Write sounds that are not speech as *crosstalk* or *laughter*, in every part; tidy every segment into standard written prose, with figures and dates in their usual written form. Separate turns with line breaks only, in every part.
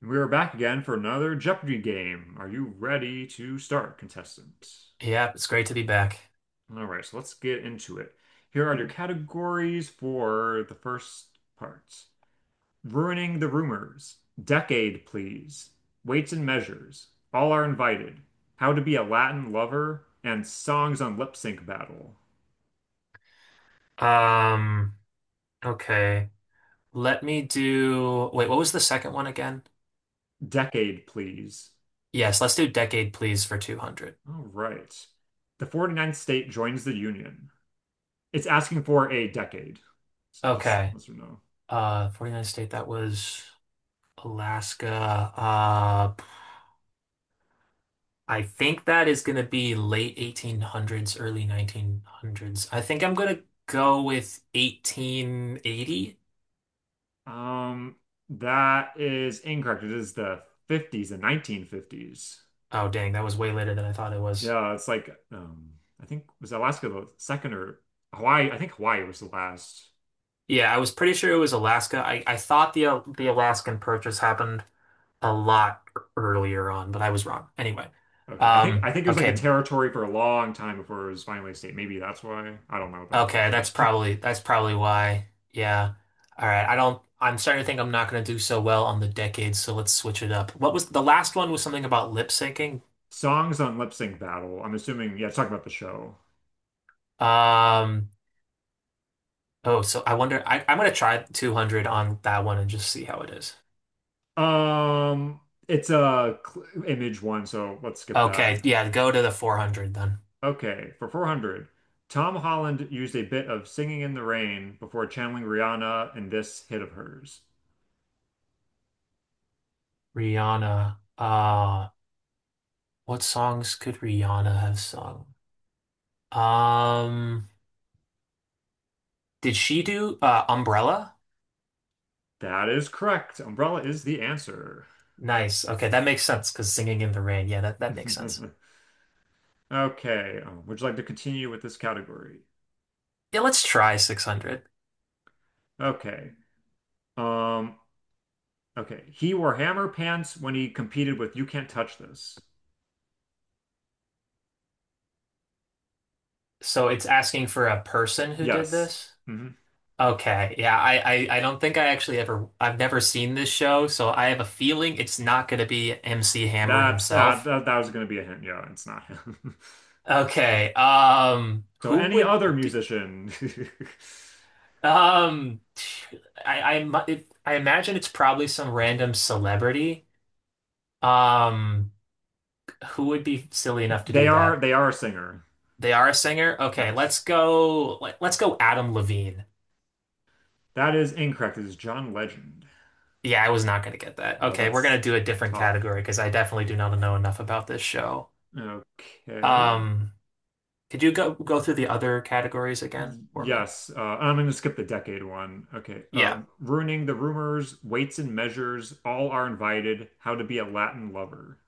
We are back again for another Jeopardy game. Are you ready to start, contestant?
Yeah, it's great to be back.
All right, so let's get into it. Here are your categories for the first part. Ruining the rumors. Decade, please. Weights and measures. All are invited. How to be a Latin lover. And songs on lip sync battle.
Um, okay. Let me do, wait, what was the second one again?
Decade, please.
Yes, let's do decade, please, for 200.
All right. The forty-ninth state joins the Union. It's asking for a decade. Just
Okay.
yes or no.
49 state, that was Alaska. I think that is going to be late 1800s, early 1900s. I think I'm going to go with 1880.
Um, that is incorrect. It is the 50s, the 1950s.
Oh, dang, that was way later than I thought it was.
Yeah, it's like I think was Alaska the second or Hawaii? I think Hawaii was the last.
Yeah, I was pretty sure it was Alaska. I thought the the Alaskan Purchase happened a lot earlier on, but I was wrong. Anyway,
Okay, I think I think it was like a
okay,
territory for a long time before it was finally a state. Maybe that's why. I don't know though for
okay,
sure.
that's probably why. Yeah. All right. I don't. I'm starting to think I'm not going to do so well on the decades, so let's switch it up. What was the last one was something about lip syncing.
*laughs* Songs on Lip Sync Battle. I'm assuming. Yeah, it's talking about the show.
Um, oh, so I wonder. I'm going to try 200 on that one and just see how it is.
Um, it's a image one, so let's skip that.
Okay, yeah, go to the 400 then.
Okay, for 400, Tom Holland used a bit of Singing in the Rain before channeling Rihanna in this hit of hers.
Rihanna. What songs could Rihanna have sung? Um, did she do Umbrella?
That is correct. Umbrella is the answer.
Nice. Okay, that makes sense because singing in the rain. Yeah, that makes sense.
*laughs* Okay, would you like to continue with this category?
Yeah, let's try 600.
Okay. Um, okay. He wore hammer pants when he competed with You Can't Touch This.
So it's asking for a person who did
Yes.
this?
Hmm.
Okay. Yeah, I don't think I actually ever, I've never seen this show, so I have a feeling it's not going to be MC Hammer
That's uh,
himself.
that, that was going to be a hint. Yeah, it's not him.
Okay.
*laughs* So
Who
any
would,
other
d-
musician.
um, I imagine it's probably some random celebrity. Um, who would be silly enough
*laughs*
to
They
do
are
that?
they are a singer.
They are a singer? Okay,
Yes.
let's go Adam Levine.
That is incorrect. It is John Legend.
Yeah, I was not gonna get that.
No,
Okay, we're gonna
that's
do a different
tough.
category because I definitely do not know enough about this show.
Okay.
Um, could you go through the other categories again for me?
Yes. I'm going to skip the decade one. Okay.
Yeah.
Ruining the rumors, weights and measures, all are invited. How to be a Latin lover.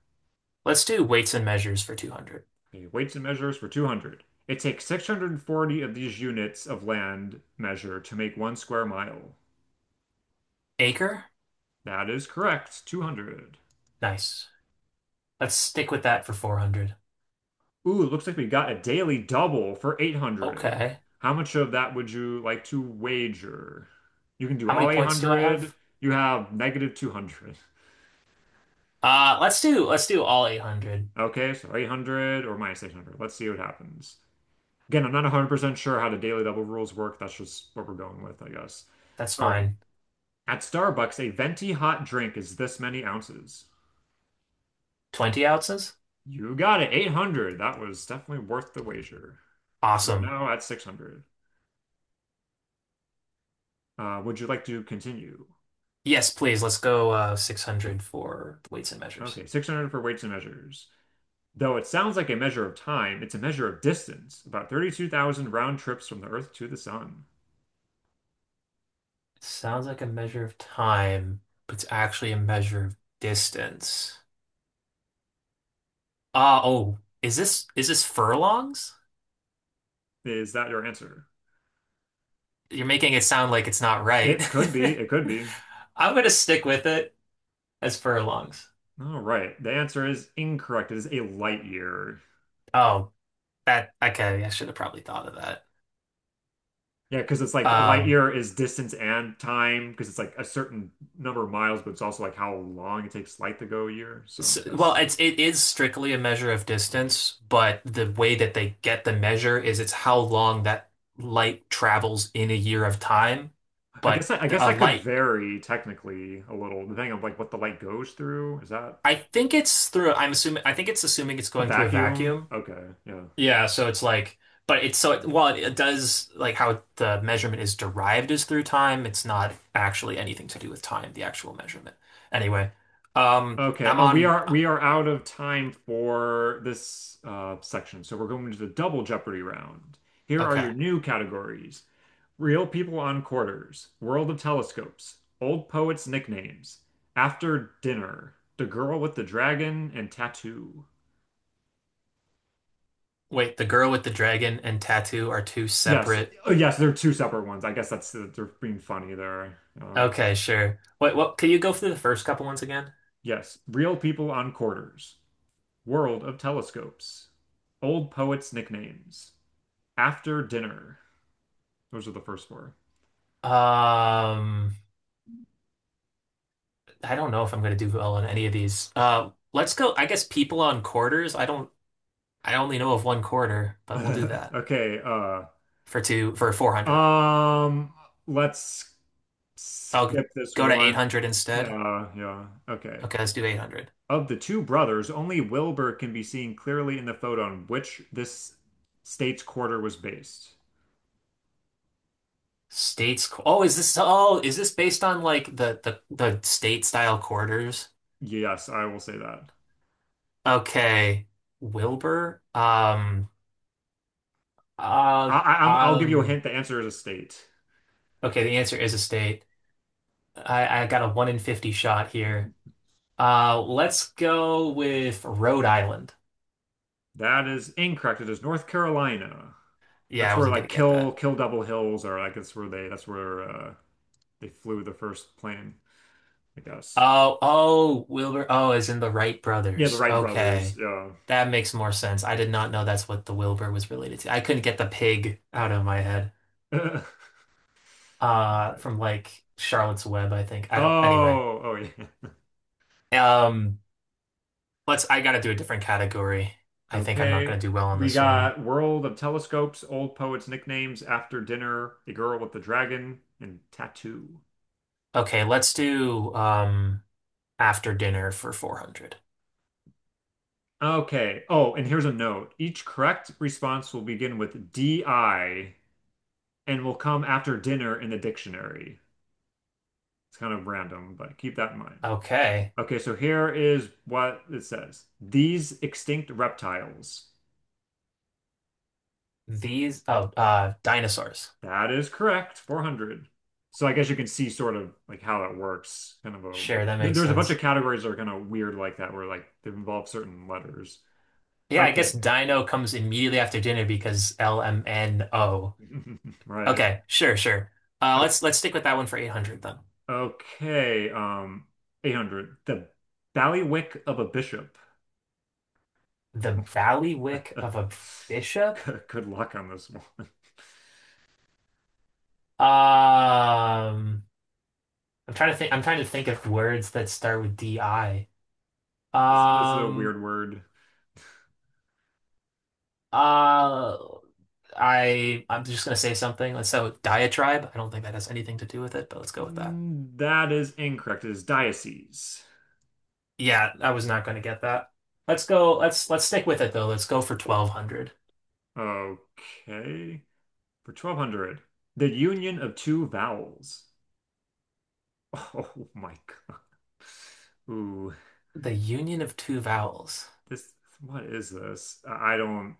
Let's do weights and measures for 200.
Okay. Weights and measures for 200. It takes 640 of these units of land measure to make one square mile.
Acre?
That is correct. 200.
Nice. Let's stick with that for 400.
Ooh, looks like we got a daily double for 800.
Okay.
How much of that would you like to wager? You can do
How many
all
points do I
800.
have?
You have negative 200.
Let's do all 800.
Okay, so 800 or minus 800. Let's see what happens. Again, I'm not 100% sure how the daily double rules work. That's just what we're going with, I guess.
That's
All right.
fine.
At Starbucks, a venti hot drink is this many ounces.
20 ounces?
You got it, 800. That was definitely worth the wager. We're
Awesome.
now at 600. Would you like to continue?
Yes, please. Let's go 600 for the weights and measures.
Okay, 600 for weights and measures. Though it sounds like a measure of time, it's a measure of distance, about 32,000 round trips from the Earth to the Sun.
It sounds like a measure of time, but it's actually a measure of distance. Ah, oh, is this furlongs?
Is that your answer?
You're making it sound like it's not right.
It could be,
*laughs*
it could be.
I'm gonna stick with it as furlongs.
All right, the answer is incorrect. It is a light year.
Oh, that okay. I should have probably thought of that.
Yeah, because it's like a light
Um.
year is distance and time, because it's like a certain number of miles, but it's also like how long it takes light to go a year. So
S
I
Well,
guess
it is strictly a measure of distance, but the way that they get the measure is it's how long that light travels in a year of time.
I guess
But
I, guess
the, a
that could
light,
vary technically a little, depending on like what the light goes through. Is that
I think it's through. I'm assuming. I think it's assuming it's
a
going through a
vacuum?
vacuum.
Okay, yeah.
Yeah, so it's like, but it's so while it does like how the measurement is derived is through time. It's not actually anything to do with time, the actual measurement. Anyway,
Okay,
I'm
we
on.
are we are out of time for this section, so we're going to the double Jeopardy round. Here are
Okay,
your new categories: Real People on Quarters, World of Telescopes, Old Poets' Nicknames, After Dinner, The Girl with the Dragon, and Tattoo.
wait. The girl with the dragon and tattoo are two
Yes,
separate.
oh, yes, they're two separate ones. I guess that's they're being funny there.
Okay, sure. Wait, what can you go through the first couple ones again?
Yes, Real People on Quarters, World of Telescopes, Old Poets' Nicknames, After Dinner. Those are the first four.
Um, I don't know if I'm gonna do well on any of these. Let's go. I guess people on quarters. I don't. I only know of one quarter, but we'll do
*laughs*
that
Okay,
for two for 400.
um, let's
I'll
skip this
go to
one.
800 instead.
Yeah, yeah. Okay.
Okay, let's do 800.
Of the two brothers, only Wilbur can be seen clearly in the photo on which this state's quarter was based.
Oh, is this? Oh, is this based on like the state style quarters?
Yes, I will say that.
Okay, Wilbur. Uh.
I'll give you a
Um.
hint. The answer is a state.
Okay, the answer is a state. I got a one in 50 shot here. Let's go with Rhode Island.
That is incorrect. It is North Carolina.
Yeah,
That's
I
where
wasn't
like
gonna get
Kill
that.
Kill Double Hills are. Like that's where they flew the first plane, I guess.
Oh, oh, Wilbur. Oh, as in the Wright
Yeah, the
brothers.
Wright brothers.
Okay.
Yeah.
That makes more sense. I did not know that's what the Wilbur was related to. I couldn't get the pig out of my head.
*laughs* Right.
From like Charlotte's Web, I think. I don't, anyway.
Oh, oh yeah.
Um, I gotta do a different category. I think I'm not gonna
Okay.
do well on
We
this one.
got World of Telescopes, Old Poets Nicknames, After Dinner, The Girl with the Dragon, and Tattoo.
Okay, let's do, after dinner for 400.
Okay. Oh, and here's a note. Each correct response will begin with DI and will come after dinner in the dictionary. It's kind of random, but keep that in mind.
Okay.
Okay, so here is what it says. These extinct reptiles.
These dinosaurs.
That is correct. 400. So I guess you can see sort of like how that works. Kind of a
Sure, that makes
there's a bunch
sense.
of categories that are kind of weird like that where like they involve certain letters.
Yeah, I guess
Okay.
dino comes immediately after dinner because LMNO.
*laughs* Right.
Okay, sure, sure.
O-
Let's stick with that one for 800 then.
Okay. 800. The ballywick of a bishop.
The valley wick
*laughs*
of a bishop?
Good luck on this one. *laughs*
Um I'm trying to think of words that start with DI.
This is a
Um
weird word.
uh I'm just gonna say something. Let's go with diatribe. I don't think that has anything to do with it, but let's go with that.
That is incorrect. It is diocese.
Yeah, I was not going to get that. Let's go. Let's stick with it though. Let's go for 1200.
Okay. For 1200. The union of two vowels. *laughs* Oh my God. Ooh,
The union of two vowels.
this, what is this? I don't,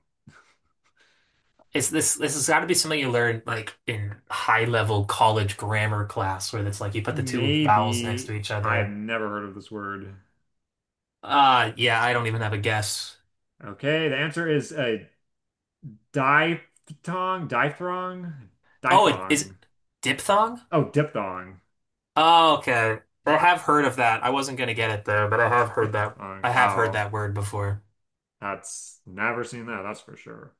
Is this This has got to be something you learn like in high level college grammar class where it's like you put the two vowels next to
maybe
each
I've
other.
never heard of this word.
Yeah, I don't even have a guess.
Okay, the answer is a diphthong, diphthong,
Oh, it is
diphthong.
diphthong?
Oh, diphthong.
Oh, okay. I have
Diphthong,
heard of that. I wasn't going to get it though, but I have
*laughs*
heard that.
diphthong.
I have heard
Wow.
that word before.
That's never seen that, that's for sure.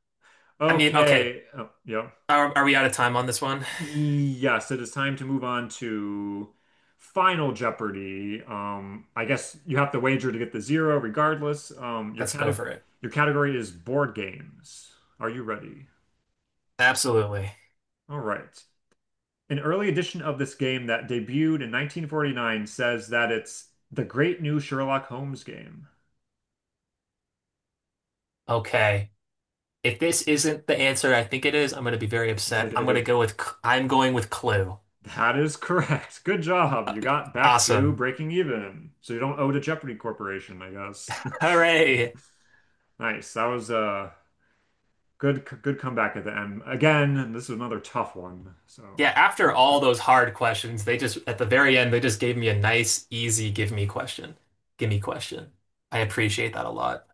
I mean, okay.
Okay. Oh, yep.
Are we out of time on this one?
Yes, it is time to move on to Final Jeopardy. I guess you have to wager to get the zero regardless.
Let's go for it.
Your category is board games. Are you ready?
Absolutely.
All right. An early edition of this game that debuted in 1949 says that it's the great new Sherlock Holmes game.
Okay. If this isn't the answer I think it is, I'm going to be very upset. I'm going to go
*laughs*
with, I'm going with Clue.
That is correct. Good job.
Uh,
You got back to
Awesome.
breaking even. So you don't owe to Jeopardy Corporation, I guess. *laughs*
Hooray.
Nice. That was good, good comeback at the end. Again, this is another tough one. So
Yeah, after
good,
all
good.
those hard questions, they just, at the very end, they just gave me a nice, easy give me question. Give me question. I appreciate that a lot.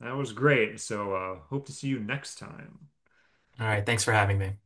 That was great. So hope to see you next time.
All right, thanks for having me.